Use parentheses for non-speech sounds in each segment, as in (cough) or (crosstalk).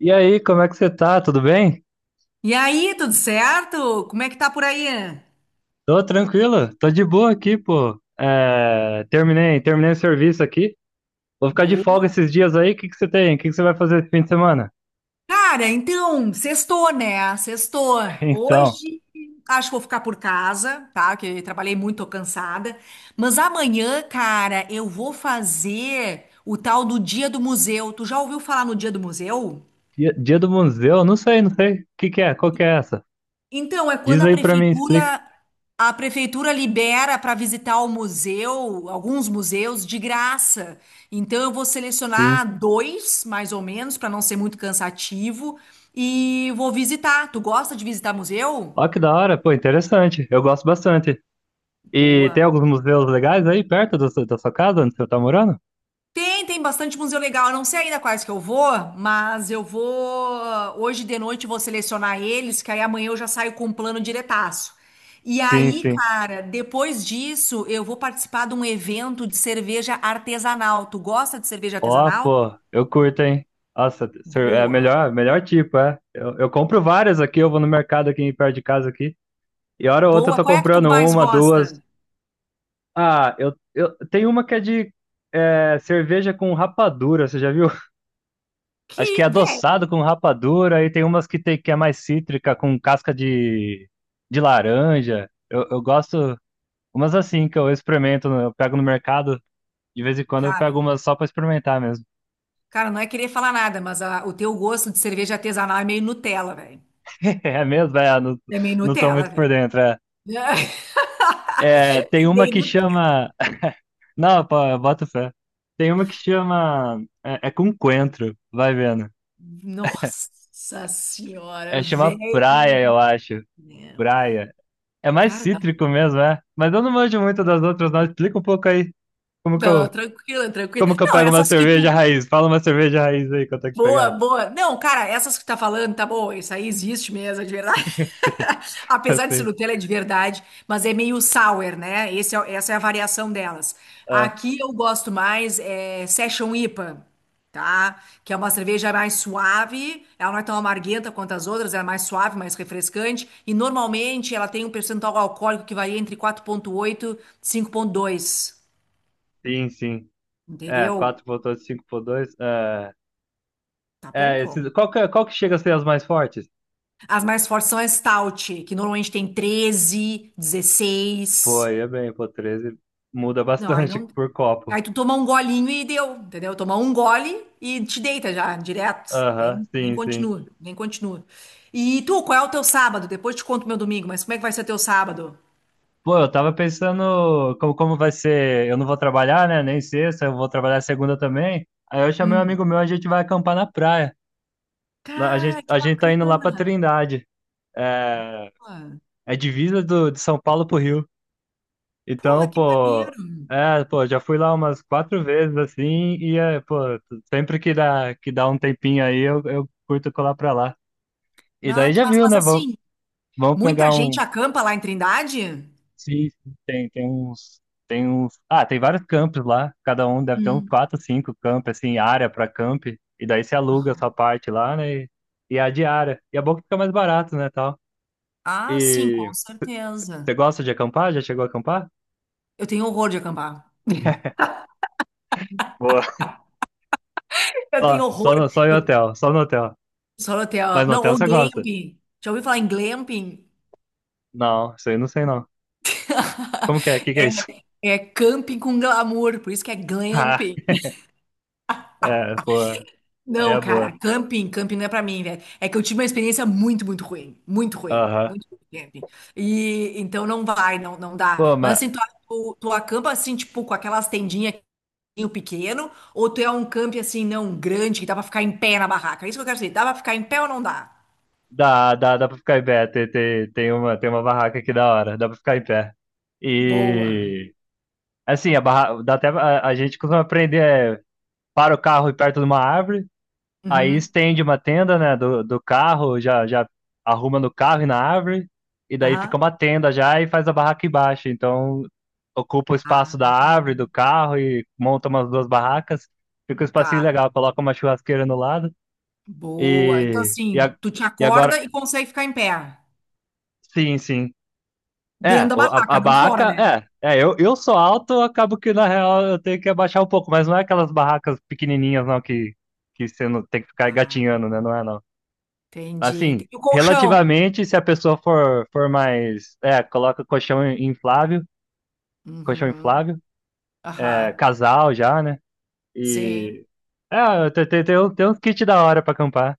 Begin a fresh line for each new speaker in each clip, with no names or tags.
E aí, como é que você tá? Tudo bem?
E aí, tudo certo? Como é que tá por aí?
Tô tranquilo, tô de boa aqui, pô. É, terminei o serviço aqui. Vou ficar de folga
Boa.
esses dias aí. O que que você tem? O que que você vai fazer esse fim de semana?
Cara, então, sextou, né? Sextou.
(laughs) Então,
Hoje acho que vou ficar por casa, tá? Que eu trabalhei muito, tô cansada. Mas amanhã, cara, eu vou fazer o tal do Dia do Museu. Tu já ouviu falar no Dia do Museu?
dia do museu? Não sei, não sei. O que que é? Qual que é essa?
Então, é quando
Diz
a
aí pra mim, explica.
prefeitura a prefeitura libera para visitar o museu, alguns museus de graça. Então, eu vou
Sim.
selecionar dois, mais ou menos, para não ser muito cansativo, e vou visitar. Tu gosta de visitar museu?
Ó, que da hora, pô, interessante. Eu gosto bastante. E
Boa.
tem alguns museus legais aí perto da sua casa, onde você tá morando?
Tem bastante museu legal. Eu não sei ainda quais que eu vou, mas eu vou. Hoje de noite eu vou selecionar eles, que aí amanhã eu já saio com um plano diretaço. E
Sim,
aí,
sim.
cara, depois disso eu vou participar de um evento de cerveja artesanal. Tu gosta de cerveja
Ó,
artesanal?
pô, eu curto, hein? Nossa, é
Boa.
melhor tipo, é. Eu compro várias aqui, eu vou no mercado aqui perto de casa aqui, e hora ou outra eu
Boa.
tô
Qual é a que tu
comprando
mais
uma, duas.
gosta?
Ah, eu tem uma que é de cerveja com rapadura, você já viu? (laughs)
Que,
Acho que é adoçado
velho,
com rapadura, e tem umas que tem que é mais cítrica, com casca de laranja. Eu gosto umas assim que eu experimento, eu pego no mercado, de vez em quando eu pego
cara,
umas só pra experimentar mesmo.
cara, não é querer falar nada, mas o teu gosto de cerveja artesanal é meio Nutella, velho.
É mesmo? É, não,
É meio
não tô
Nutella,
muito por
velho.
dentro. É. É, tem uma que
(laughs)
chama. Não, pô, bota fé. Tem uma que chama. É com coentro, vai vendo.
Nossa senhora,
É chama praia,
velho.
eu acho.
Né?
Praia. É mais
Cara,
cítrico mesmo, é. Mas eu não manjo muito das outras, não. Explica um pouco aí como que
não,
eu,
tranquila, tranquila.
como que eu
Não, é
pego uma
essas que
cerveja
tu.
raiz. Fala uma cerveja raiz aí que eu tenho que
Boa,
pegar.
boa. Não, cara, essas que tá falando, tá bom, isso aí existe mesmo, é de verdade.
(laughs) Sim,
(laughs) Apesar de ser
assim.
Nutella, é de verdade, mas é meio sour, né? Essa é a variação delas.
Ah,
Aqui eu gosto mais é Session IPA, tá? Que é uma cerveja mais suave, ela não é tão amarguenta quanto as outras, ela é mais suave, mais refrescante, e normalmente ela tem um percentual alcoólico que varia entre 4,8 e 5,2,
sim, sim. É,
entendeu?
4,8, 5,2. É,
Tá bom,
é
pô?
esses, qual que chega a ser as mais fortes?
As mais fortes são a Stout, que normalmente tem 13,
Pô,
16.
aí é bem, pô, 13 muda
Não, aí
bastante
não.
(laughs) por copo.
Aí tu toma um golinho e deu, entendeu? Toma um gole e te deita já, direto.
Aham,
Nem
sim, sim.
continua, nem continua. E tu, qual é o teu sábado? Depois te conto meu domingo, mas como é que vai ser teu sábado?
Pô, eu tava pensando como vai ser. Eu não vou trabalhar, né? Nem sexta, eu vou trabalhar segunda também. Aí eu chamei um
Hum.
amigo meu, a gente vai acampar na praia. A gente,
Cara, que
a gente tá indo lá pra
bacana.
Trindade. É, é divisa de São Paulo pro Rio.
Porra,
Então,
que
pô,
maneiro.
é, pô, já fui lá umas quatro vezes assim, e é, pô, sempre que dá um tempinho aí, eu curto colar pra lá. E
Ah,
daí
que
já
massa.
viu,
Mas
né? Vamos,
assim,
vamos
muita
pegar
gente
um.
acampa lá em Trindade?
Sim, sim, tem vários campos lá, cada um deve ter uns
Hum.
quatro, cinco campos, assim, área para camp, e daí você aluga a sua
Aham.
parte lá, né, e a diária, e é bom que fica mais barato, né, tal.
Ah, sim, com
E
certeza.
você gosta de acampar? Já chegou a acampar?
Eu tenho horror de acampar.
Boa.
Eu tenho horror.
Só em
Eu
hotel, só no hotel,
só no
mas
hotel.
no
Não,
hotel
ou
você gosta?
glamping. Já ouviu falar em glamping?
Não, isso aí eu não sei não. Como que é? O que que é isso?
É camping com glamour, por isso que é glamping.
(laughs) Ah, é, pô, aí
Não,
é boa.
cara, camping, camping não é pra mim, velho. É que eu tive uma experiência muito, muito ruim. Muito ruim.
Aham.
Muito ruim, de camping. E então não vai, não, não
Pô,
dá. Mas
mas
assim, tu acampa assim, tipo, com aquelas tendinhas pequeno, ou tu é um camping assim, não, grande, que dá pra ficar em pé na barraca? É isso que eu quero dizer. Dá pra ficar em pé ou não dá?
dá pra ficar em pé. Tem uma barraca aqui da hora. Dá pra ficar em pé.
Boa.
E assim, dá até a gente costuma aprender, é, para o carro perto de uma árvore, aí
Uhum.
estende uma tenda, né, do carro, já já arruma no carro e na árvore, e daí fica
Aham.
uma tenda já e faz a barraca embaixo. Então, ocupa o espaço da
Ah,
árvore, do carro e monta umas duas barracas. Fica um espacinho
tá.
legal, coloca uma churrasqueira no lado
Boa. Então,
e e,
assim,
a,
tu te
e agora
acorda e consegue ficar em pé.
sim, sim.
Dentro
É,
da
o- a, a
barraca, não fora,
barraca,
né?
eu sou alto, eu acabo que na real eu tenho que abaixar um pouco, mas não é aquelas barracas pequenininhas não que você não tem que ficar
Ah,
gatinhando, né? Não é não.
entendi.
Assim,
E o colchão?
relativamente, se a pessoa for, for mais, coloca inflável, colchão
Uhum.
inflável,
Aham.
casal já, né?
Sim.
E, tem uns kits da hora pra acampar,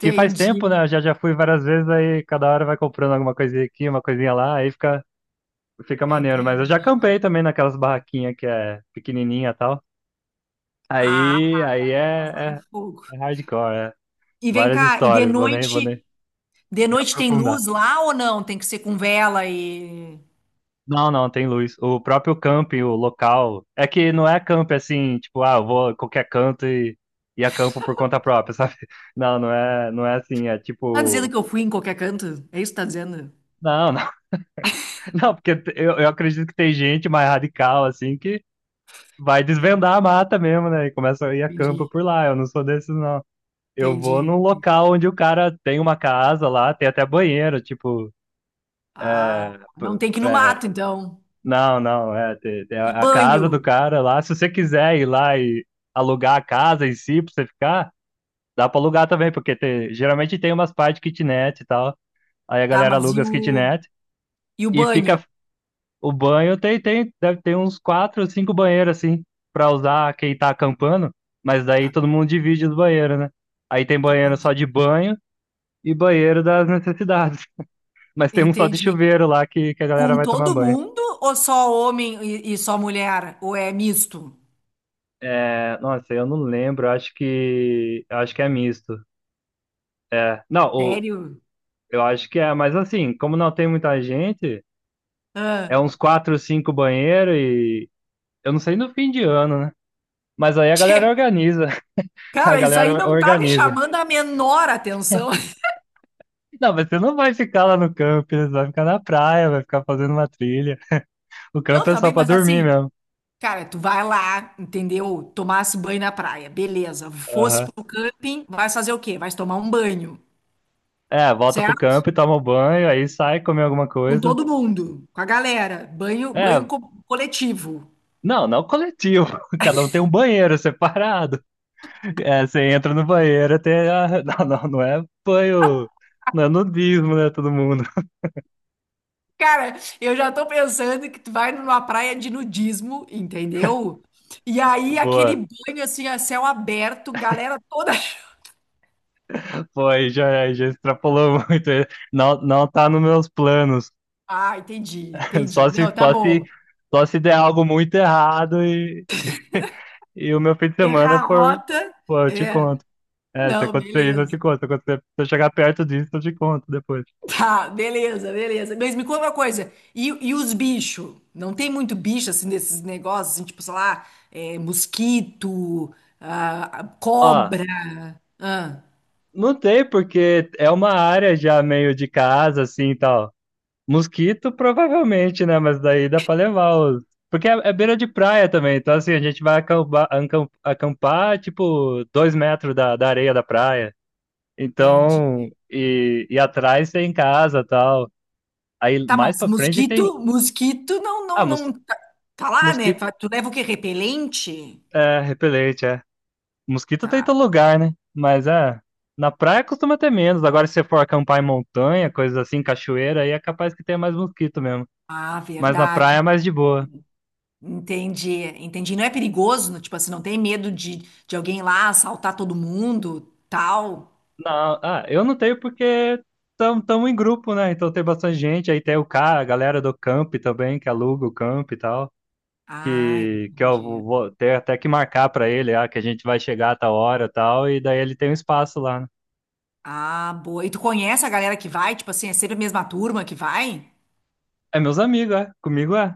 que faz tempo, né? Eu já fui várias vezes, aí cada hora vai comprando alguma coisinha aqui, uma coisinha lá, aí fica Fica maneiro, mas eu já
Entendi.
campei também naquelas barraquinhas que é pequenininha e tal.
Ah,
Aí
lá é fogo.
é hardcore, é.
E vem
Várias
cá, e
histórias, vou nem
de noite tem
aprofundar.
luz lá ou não? Tem que ser com vela e.
Não, não, tem luz. O próprio camping, o local, é que não é camping assim, tipo, ah, eu vou a qualquer canto e acampo por conta própria, (laughs) sabe? Não, não é assim, é
Tá dizendo
tipo,
que eu fui em qualquer canto? É isso que tá dizendo?
não, não, (laughs) não, porque eu acredito que tem gente mais radical, assim, que vai desvendar a mata mesmo, né? E começa a ir a campo
Entendi,
por lá, eu não sou desses, não. Eu
entendi,
vou num
entendi.
local onde o cara tem uma casa lá, tem até banheiro, tipo.
Ah, não
p-
tem que ir no
é,
mato, então.
não, não, tem
E
a
banho?
casa do cara lá. Se você quiser ir lá e alugar a casa em si pra você ficar, dá pra alugar também, porque geralmente tem umas partes de kitnet e tal. Aí a
Tá,
galera
mas
aluga
e
as
o,
kitnet
e o
e
banho?
fica. O banho deve ter uns quatro ou cinco banheiros assim, pra usar quem tá acampando, mas daí
Tá,
todo mundo divide os banheiros, né? Aí tem banheiro só
entendi.
de banho e banheiro das necessidades. Mas tem um só de
Entendi.
chuveiro lá que a galera
Com
vai tomar
todo
banho.
mundo ou só homem e só mulher? Ou é misto?
É, nossa, eu não lembro, acho que. Acho que é misto. É. Não,
Sério?
eu acho que é, mas assim, como não tem muita gente, é
Ah.
uns quatro, cinco banheiros e. Eu não sei no fim de ano, né? Mas aí a
Tchê.
galera
(laughs)
organiza. (laughs) A
Cara, isso aí
galera
não tá me
organiza.
chamando a menor atenção. (laughs)
Não, mas você não vai ficar lá no camping, você vai ficar na praia, vai ficar fazendo uma trilha. O
Não,
campo é
tá
só
bem,
pra
mas
dormir
assim,
mesmo.
cara, tu vai lá, entendeu? Tomasse banho na praia, beleza. Fosse
Aham.
pro camping, vai fazer o quê? Vai tomar um banho,
É, volta pro
certo?
campo e toma um banho, aí sai comer alguma
Com
coisa.
todo mundo, com a galera. Banho, banho
É,
coletivo.
não, não coletivo. (laughs) Cada um tem um banheiro separado. É, você entra no banheiro até. (laughs) Não, não, não é banho. Não é nudismo, né, todo mundo?
Cara, eu já tô pensando que tu vai numa praia de nudismo, entendeu? E
(laughs)
aí aquele
Boa.
banho assim a céu aberto, galera toda. (laughs)
Foi, já, já extrapolou (laughs) muito. Não, não tá nos meus planos.
Ah, entendi,
(laughs) Só
entendi.
se,
Não, tá
só se,
bom.
só se der algo muito errado e, (laughs) e o meu fim de semana
Errar a
for.
rota.
Pô, eu te
É.
conto. É, se
Não,
acontecer isso, eu te
beleza.
conto. Se eu chegar perto disso, eu te conto depois.
Tá, beleza, beleza. Mas me conta uma coisa. E os bichos? Não tem muito bicho assim desses negócios, assim, tipo, sei lá, mosquito, ah,
Ó,
cobra. Ah,
não tem, porque é uma área já meio de casa, assim e tal. Mosquito, provavelmente, né? Mas daí dá pra levar os. Porque é beira de praia também, então assim, a gente vai acampar, acampar, tipo, 2 metros da areia da praia. Então,
entendi.
e atrás tem casa e tal. Aí
Tá,
mais
mas
pra frente tem.
mosquito, mosquito não,
Ah,
não, não. Tá, tá lá, né?
mosquito
Tu leva o quê? Repelente?
é repelente, é. Mosquito tem em
Tá.
todo lugar, né? Mas é. Na praia costuma ter menos. Agora, se você for acampar em montanha, coisas assim, cachoeira, aí é capaz que tenha mais mosquito mesmo.
Ah,
Mas na
verdade.
praia é mais de boa.
Entendi, entendi. Não é perigoso, tipo assim, não tem medo de alguém lá assaltar todo mundo, tal.
Não, eu não tenho porque estamos em grupo, né? Então tem bastante gente. Aí tem o cara, a galera do camp também, que aluga o camp e tal.
Ah,
Que eu vou
entendi.
vou ter até que marcar pra ele, ah, que a gente vai chegar a tal hora e tal. E daí ele tem um espaço lá, né?
Ah, boa. E tu conhece a galera que vai? Tipo assim, é sempre a mesma turma que vai?
É meus amigos, é. Comigo é.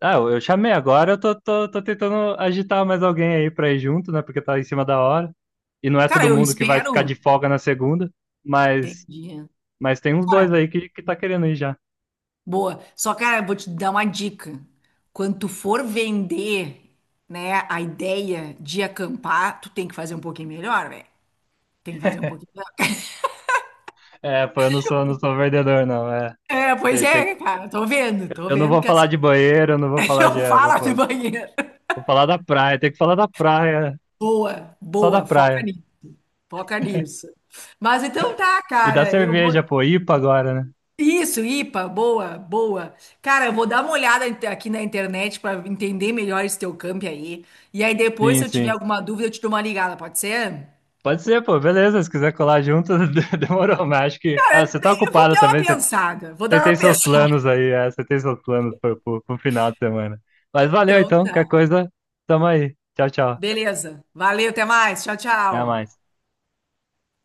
Ah, eu chamei agora, eu tô tentando agitar mais alguém aí pra ir junto, né? Porque tá em cima da hora. E não é
Cara,
todo
eu
mundo que vai ficar de
espero.
folga na segunda, mas,
Entendi,
mas tem uns
cara.
dois aí que tá querendo ir já.
Boa. Só, cara, vou te dar uma dica. Quando tu for vender, né, a ideia de acampar, tu tem que fazer um pouquinho melhor, velho. Tem que fazer um pouquinho melhor.
É, pô, eu não sou vendedor, não. É,
É, pois
tem,
é,
tem,
né, cara, tô
eu não
vendo
vou
que
falar
essa.
de banheiro, eu não vou
(laughs)
falar de.
Não fala do banheiro.
Vou falar da praia, tem que falar da praia,
Boa,
só da
boa, foca
praia.
nisso. Foca nisso. Mas então tá,
E da
cara, eu
cerveja,
vou.
pô, IPA agora, né?
Isso, IPA, boa, boa. Cara, eu vou dar uma olhada aqui na internet para entender melhor esse teu camp aí. E aí depois,
Sim,
se eu tiver
sim.
alguma dúvida, eu te dou uma ligada, pode ser?
Pode ser, pô, beleza. Se quiser colar junto, (laughs) demorou, mas acho que. Ah,
Cara,
você tá
eu vou
ocupado
dar uma
também, você
pensada. Vou
Você
dar uma
tem seus
pensada.
planos
(laughs)
aí, você tem seus planos pro, pro final de semana. Mas valeu
Então
então,
tá.
qualquer coisa, tamo aí. Tchau, tchau.
Beleza. Valeu, até mais. Tchau,
Até mais.
tchau.